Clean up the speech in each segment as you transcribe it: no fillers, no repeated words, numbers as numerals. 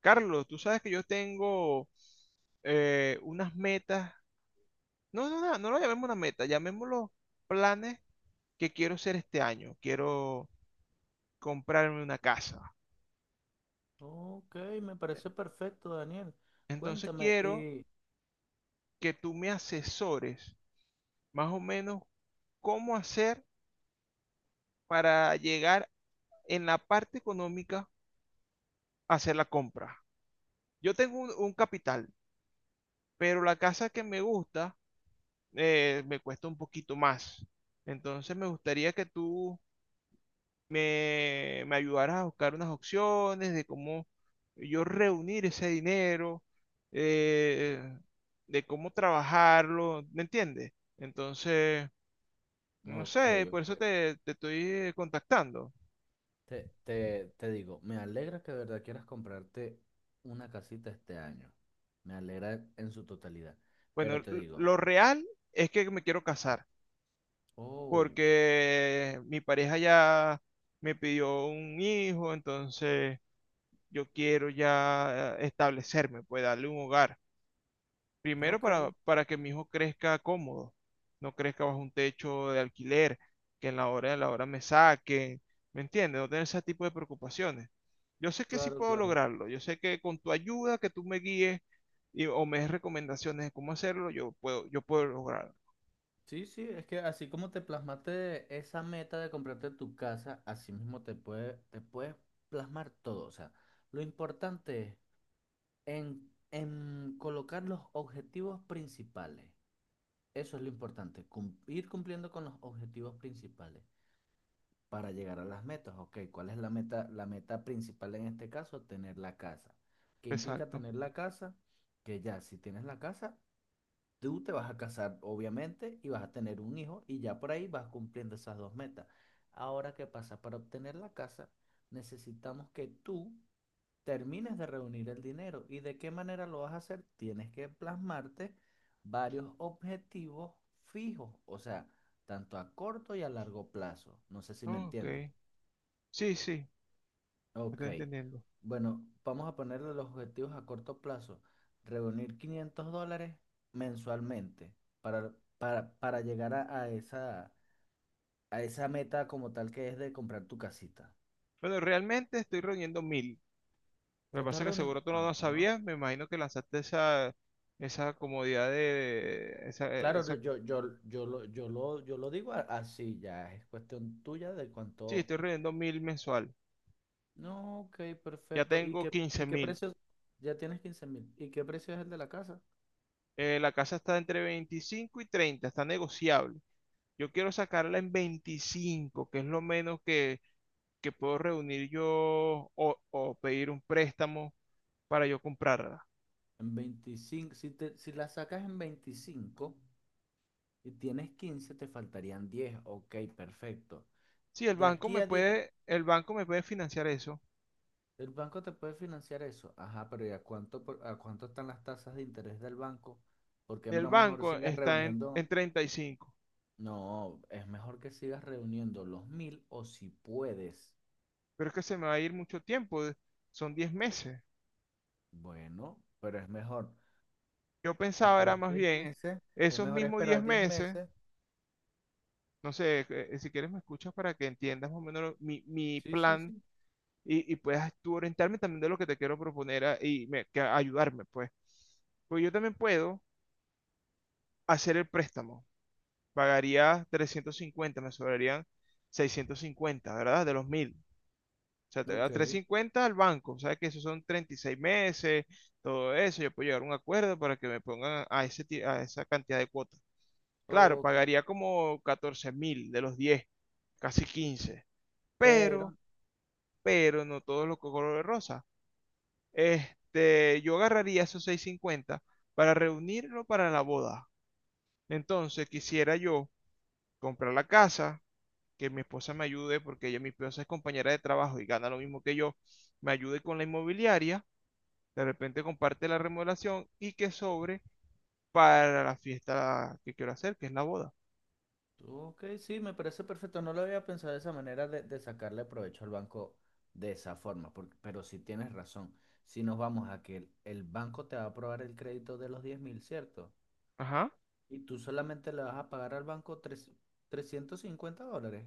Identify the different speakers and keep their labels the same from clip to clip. Speaker 1: Carlos, tú sabes que yo tengo unas metas, no, no, no, no lo llamemos una meta, llamémoslo planes que quiero hacer este año. Quiero comprarme una casa.
Speaker 2: Ok, me parece perfecto, Daniel.
Speaker 1: Entonces
Speaker 2: Cuéntame
Speaker 1: quiero que tú me asesores más o menos cómo hacer para llegar en la parte económica a hacer la compra. Yo tengo un capital, pero la casa que me gusta me cuesta un poquito más. Entonces me gustaría que tú me ayudaras a buscar unas opciones de cómo yo reunir ese dinero, eh, de cómo trabajarlo, ¿me entiendes? Entonces, no
Speaker 2: Ok,
Speaker 1: sé, por eso
Speaker 2: ok.
Speaker 1: te estoy contactando.
Speaker 2: Te digo, me alegra que de verdad quieras comprarte una casita este año. Me alegra en su totalidad.
Speaker 1: Bueno,
Speaker 2: Pero te digo,
Speaker 1: lo real es que me quiero casar,
Speaker 2: oh,
Speaker 1: porque mi pareja ya me pidió un hijo, entonces yo quiero ya establecerme, pues darle un hogar. Primero
Speaker 2: ok,
Speaker 1: para que mi hijo crezca cómodo, no crezca bajo un techo de alquiler, que en la hora de la hora me saquen, ¿me entiendes? No tener ese tipo de preocupaciones. Yo sé que sí
Speaker 2: claro,
Speaker 1: puedo
Speaker 2: claro.
Speaker 1: lograrlo, yo sé que con tu ayuda, que tú me guíes y, o me des recomendaciones de cómo hacerlo, yo puedo lograrlo.
Speaker 2: Sí, sí, es que así como te plasmaste esa meta de comprarte tu casa, así mismo te puedes plasmar todo. O sea, lo importante es en colocar los objetivos principales. Eso es lo importante, ir cumpliendo con los objetivos principales para llegar a las metas. Ok, ¿cuál es la meta? La meta principal en este caso, tener la casa. ¿Qué implica
Speaker 1: Exacto.
Speaker 2: tener la casa? Que ya si tienes la casa, tú te vas a casar, obviamente, y vas a tener un hijo y ya por ahí vas cumpliendo esas dos metas. Ahora, ¿qué pasa? Para obtener la casa, necesitamos que tú termines de reunir el dinero. ¿Y de qué manera lo vas a hacer? Tienes que plasmarte varios objetivos fijos, o sea, tanto a corto y a largo plazo. No sé si me
Speaker 1: Oh,
Speaker 2: entiendes.
Speaker 1: ok. Sí, sí,
Speaker 2: Ok,
Speaker 1: estoy entendiendo.
Speaker 2: bueno, vamos a ponerle los objetivos a corto plazo. Reunir $500 mensualmente para llegar a esa meta como tal que es de comprar tu casita.
Speaker 1: Bueno, realmente estoy reuniendo 1000. Lo que pasa
Speaker 2: ¿Estás
Speaker 1: es que
Speaker 2: reuniendo?
Speaker 1: seguro tú no lo
Speaker 2: Ajá.
Speaker 1: sabías, me imagino que lanzaste esa comodidad de,
Speaker 2: Claro, no,
Speaker 1: esa.
Speaker 2: yo lo digo así ya, es cuestión tuya de
Speaker 1: Sí,
Speaker 2: cuánto.
Speaker 1: estoy reuniendo 1000 mensual.
Speaker 2: No, ok,
Speaker 1: Ya
Speaker 2: perfecto.
Speaker 1: tengo quince
Speaker 2: Y qué
Speaker 1: mil.
Speaker 2: precio? Ya tienes 15.000. ¿Y qué precio es el de la casa?
Speaker 1: La casa está entre 25 y 30, está negociable. Yo quiero sacarla en 25, que es lo menos que puedo reunir yo o pedir un préstamo para yo comprarla.
Speaker 2: En 25. Si, te, si la sacas en 25 y tienes 15 te faltarían 10. Ok, perfecto.
Speaker 1: Sí,
Speaker 2: De aquí a 10.
Speaker 1: el banco me puede financiar eso.
Speaker 2: El banco te puede financiar eso. Ajá, pero ¿y a cuánto, a cuánto están las tasas de interés del banco? Porque
Speaker 1: El
Speaker 2: no mejor
Speaker 1: banco
Speaker 2: sigas
Speaker 1: está
Speaker 2: reuniendo.
Speaker 1: en 35,
Speaker 2: No, es mejor que sigas reuniendo los mil o si puedes,
Speaker 1: pero es que se me va a ir mucho tiempo, son 10 meses.
Speaker 2: bueno, pero es mejor
Speaker 1: Yo pensaba era
Speaker 2: esperar
Speaker 1: más
Speaker 2: 10
Speaker 1: bien
Speaker 2: meses, es
Speaker 1: esos
Speaker 2: mejor
Speaker 1: mismos diez
Speaker 2: esperar 10
Speaker 1: meses
Speaker 2: meses.
Speaker 1: No sé, si quieres me escuchas para que entiendas más o menos mi
Speaker 2: Sí, sí,
Speaker 1: plan
Speaker 2: sí.
Speaker 1: y puedas tú orientarme también de lo que te quiero proponer que ayudarme, pues. Pues yo también puedo hacer el préstamo. Pagaría 350, me sobrarían 650, ¿verdad? De los 1000. O sea, te da
Speaker 2: Ok,
Speaker 1: 350 al banco. ¿Sabes que esos son 36 meses? Todo eso. Yo puedo llegar a un acuerdo para que me pongan a esa cantidad de cuotas. Claro,
Speaker 2: ok,
Speaker 1: pagaría como 14.000 de los 10, casi 15.
Speaker 2: pero,
Speaker 1: Pero pero no todos los color de rosa. Este, yo agarraría esos 650 para reunirlo para la boda. Entonces quisiera yo comprar la casa, que mi esposa me ayude, porque ella, mi esposa es compañera de trabajo y gana lo mismo que yo, me ayude con la inmobiliaria, de repente comparte la remodelación y que sobre para la fiesta que quiero hacer, que es la boda.
Speaker 2: ok, sí, me parece perfecto. No lo había pensado de esa manera de sacarle provecho al banco de esa forma, pero sí tienes razón. Si nos vamos a que el banco te va a aprobar el crédito de los 10.000, ¿cierto?
Speaker 1: Ajá.
Speaker 2: Y tú solamente le vas a pagar al banco $350.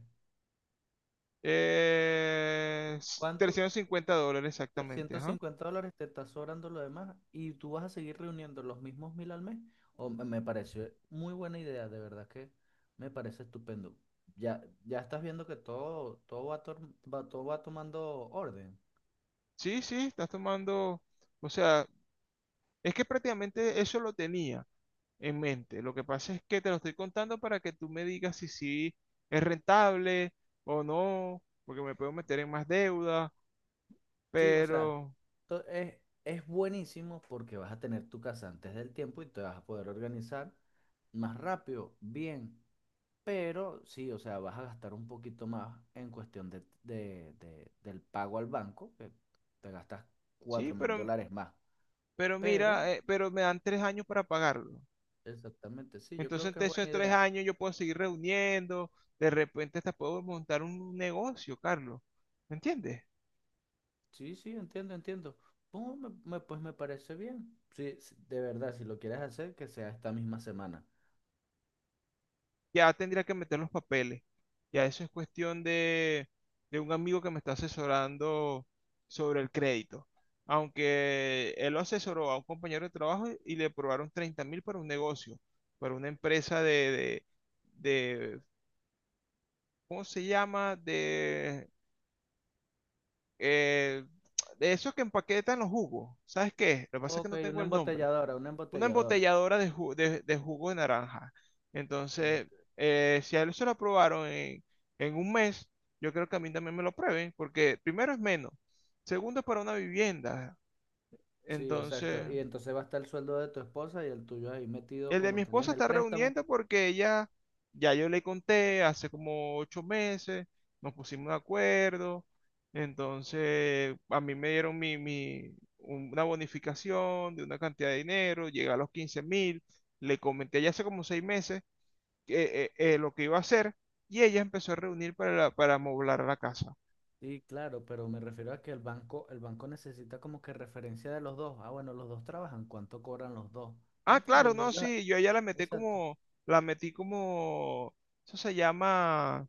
Speaker 2: ¿Cuánto?
Speaker 1: $350 exactamente,
Speaker 2: trescientos
Speaker 1: ajá.
Speaker 2: cincuenta dólares te está sobrando lo demás y tú vas a seguir reuniendo los mismos mil al mes. O Me pareció muy buena idea, de verdad que me parece estupendo. Ya, ya estás viendo que todo, todo va tomando orden.
Speaker 1: Sí, sí, estás tomando, o sea, es que prácticamente eso lo tenía en mente. Lo que pasa es que te lo estoy contando para que tú me digas si sí es rentable o no, porque me puedo meter en más deuda,
Speaker 2: Sí, o sea,
Speaker 1: pero
Speaker 2: to- es, es buenísimo porque vas a tener tu casa antes del tiempo y te vas a poder organizar más rápido, bien. Pero sí, o sea, vas a gastar un poquito más en cuestión de, del pago al banco, que te gastas
Speaker 1: sí,
Speaker 2: cuatro mil dólares más.
Speaker 1: pero
Speaker 2: Pero,
Speaker 1: mira, pero me dan 3 años para pagarlo.
Speaker 2: exactamente, sí, yo
Speaker 1: Entonces,
Speaker 2: creo que es
Speaker 1: entre esos
Speaker 2: buena
Speaker 1: tres
Speaker 2: idea.
Speaker 1: años yo puedo seguir reuniendo, de repente hasta puedo montar un negocio, Carlos. ¿Me entiendes?
Speaker 2: Sí, sí, entiendo, entiendo. Oh, pues me parece bien. Sí, sí, de verdad, si lo quieres hacer, que sea esta misma semana.
Speaker 1: Ya tendría que meter los papeles. Ya eso es cuestión de un amigo que me está asesorando sobre el crédito. Aunque él lo asesoró a un compañero de trabajo y le aprobaron 30.000 para un negocio, para una empresa de, de- ¿cómo se llama? Eh, de esos que empaquetan los jugos. ¿Sabes qué? Lo que pasa es que
Speaker 2: Ok,
Speaker 1: no tengo
Speaker 2: una
Speaker 1: el nombre.
Speaker 2: embotelladora, una
Speaker 1: Una
Speaker 2: embotelladora.
Speaker 1: embotelladora de jugo de naranja. Entonces,
Speaker 2: Ok.
Speaker 1: si a él se lo aprobaron en un mes, yo creo que a mí también me lo prueben, porque primero es menos, segundo es para una vivienda.
Speaker 2: Sí, exacto.
Speaker 1: Entonces,
Speaker 2: Y entonces va a estar el sueldo de tu esposa y el tuyo ahí metido
Speaker 1: el de mi
Speaker 2: como tal
Speaker 1: esposa
Speaker 2: en el
Speaker 1: está
Speaker 2: préstamo.
Speaker 1: reuniendo porque ella, ya yo le conté hace como 8 meses, nos pusimos de acuerdo. Entonces, a mí me dieron una bonificación de una cantidad de dinero, llega a los 15.000. Le comenté ya hace como 6 meses lo que iba a hacer y ella empezó a reunir para amoblar la casa.
Speaker 2: Sí, claro, pero me refiero a que el banco necesita como que referencia de los dos. Ah, bueno, los dos trabajan, ¿cuánto cobran los dos? ¿Me
Speaker 1: Ah, claro,
Speaker 2: entiendes? Y
Speaker 1: no,
Speaker 2: ellos,
Speaker 1: sí, yo a ella
Speaker 2: exacto.
Speaker 1: la metí como, eso se llama,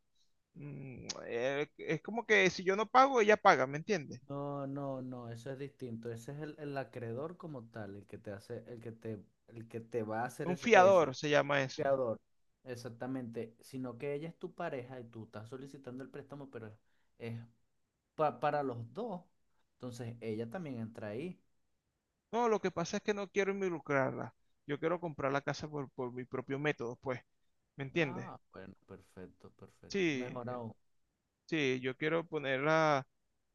Speaker 1: es como que si yo no pago, ella paga, ¿me entiendes?
Speaker 2: No, no, no, eso es distinto. Ese es el acreedor como tal, el que te hace, el que te va a hacer
Speaker 1: Un
Speaker 2: es
Speaker 1: fiador
Speaker 2: eso.
Speaker 1: se llama eso.
Speaker 2: Fiador. Exactamente. Sino que ella es tu pareja y tú estás solicitando el préstamo, pero es para los dos. Entonces ella también entra ahí.
Speaker 1: No, lo que pasa es que no quiero involucrarla. Yo quiero comprar la casa por mi propio método, pues, ¿me entiendes?
Speaker 2: Ah, bueno, perfecto, perfecto.
Speaker 1: Sí,
Speaker 2: Mejor aún.
Speaker 1: sí, yo quiero ponerla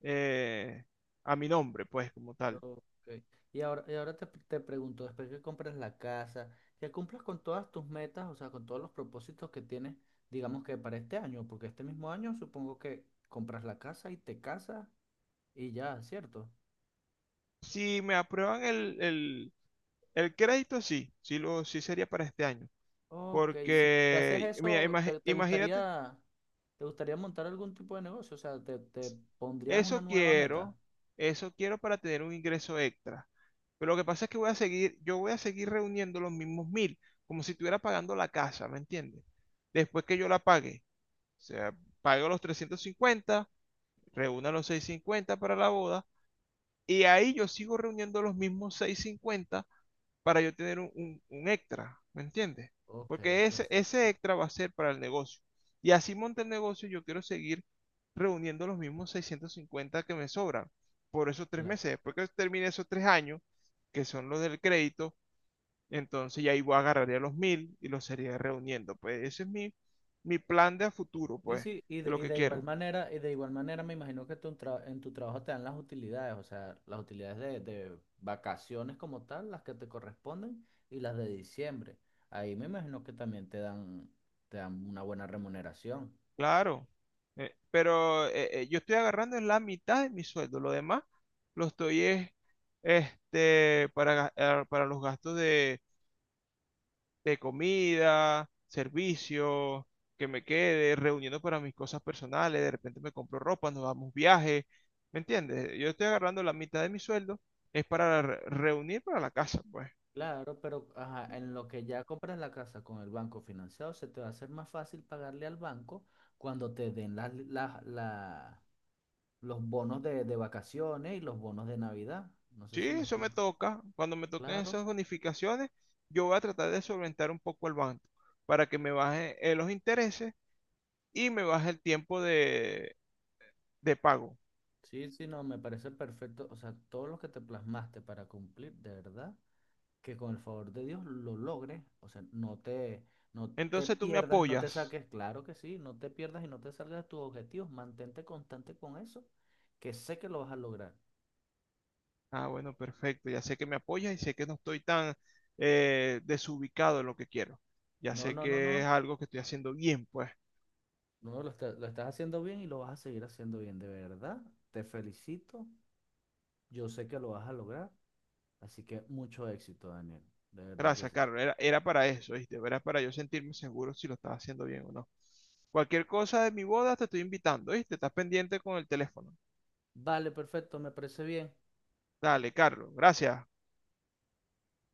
Speaker 1: eh, a mi nombre, pues, como tal.
Speaker 2: Ok. Y ahora te pregunto, después que compras la casa, que cumplas con todas tus metas, o sea, con todos los propósitos que tienes, digamos que para este año, porque este mismo año supongo que compras la casa y te casas y ya, ¿cierto?
Speaker 1: Si me aprueban el crédito, sí, sí, sí sería para este año.
Speaker 2: Ok, si, si haces
Speaker 1: Porque, mira,
Speaker 2: eso,
Speaker 1: imagínate,
Speaker 2: te gustaría montar algún tipo de negocio? O sea, te pondrías una
Speaker 1: eso
Speaker 2: nueva meta.
Speaker 1: quiero, eso quiero para tener un ingreso extra. Pero lo que pasa es que yo voy a seguir reuniendo los mismos 1000, como si estuviera pagando la casa, ¿me entiendes? Después que yo la pague, o sea, pago los 350, reúna los 650 para la boda, y ahí yo sigo reuniendo los mismos 650 para yo tener un extra, ¿me entiendes?
Speaker 2: Ok,
Speaker 1: Porque ese
Speaker 2: perfecto.
Speaker 1: extra va a ser para el negocio. Y así monte el negocio, yo quiero seguir reuniendo los mismos 650 que me sobran por esos tres
Speaker 2: Claro.
Speaker 1: meses. Después que termine esos 3 años, que son los del crédito, entonces ya ahí voy a agarrar ya los mil y los sería reuniendo. Pues ese es mi plan de a futuro,
Speaker 2: Sí,
Speaker 1: pues,
Speaker 2: sí,
Speaker 1: de lo
Speaker 2: y
Speaker 1: que
Speaker 2: de igual
Speaker 1: quiero.
Speaker 2: manera, y de igual manera me imagino que en tu trabajo te dan las utilidades, o sea, las utilidades de vacaciones como tal, las que te corresponden, y las de diciembre. Ahí me imagino que también te dan una buena remuneración.
Speaker 1: Claro, yo estoy agarrando en la mitad de mi sueldo, lo demás lo estoy es, este, para los gastos de comida, servicio, que me quede, reuniendo para mis cosas personales, de repente me compro ropa, nos damos viaje, ¿me entiendes? Yo estoy agarrando la mitad de mi sueldo, es para reunir para la casa, pues.
Speaker 2: Claro, pero ajá, en lo que ya compras la casa con el banco financiado, se te va a hacer más fácil pagarle al banco cuando te den los bonos de vacaciones y los bonos de Navidad. No sé
Speaker 1: Sí,
Speaker 2: si me
Speaker 1: eso me
Speaker 2: explico.
Speaker 1: toca. Cuando me toquen
Speaker 2: Claro.
Speaker 1: esas bonificaciones, yo voy a tratar de solventar un poco el banco para que me baje los intereses y me baje el tiempo de pago.
Speaker 2: Sí, sí, no, me parece perfecto. O sea, todo lo que te plasmaste para cumplir, de verdad, que con el favor de Dios lo logres. O sea, no te, no te
Speaker 1: Entonces tú me
Speaker 2: pierdas, no te
Speaker 1: apoyas.
Speaker 2: saques, claro que sí, no te pierdas y no te salgas de tus objetivos. Mantente constante con eso, que sé que lo vas a lograr.
Speaker 1: Ah, bueno, perfecto. Ya sé que me apoyas y sé que no estoy tan desubicado en lo que quiero. Ya
Speaker 2: No,
Speaker 1: sé
Speaker 2: no, no,
Speaker 1: que
Speaker 2: no.
Speaker 1: es algo que estoy haciendo bien, pues.
Speaker 2: No, lo estás haciendo bien y lo vas a seguir haciendo bien, de verdad. Te felicito. Yo sé que lo vas a lograr. Así que mucho éxito, Daniel. De verdad que
Speaker 1: Gracias,
Speaker 2: sí.
Speaker 1: Carlos. Era para eso, ¿viste? Era para yo sentirme seguro si lo estaba haciendo bien o no. Cualquier cosa de mi boda te estoy invitando, ¿viste? Estás pendiente con el teléfono.
Speaker 2: Vale, perfecto, me parece bien.
Speaker 1: Dale, Carlos, gracias.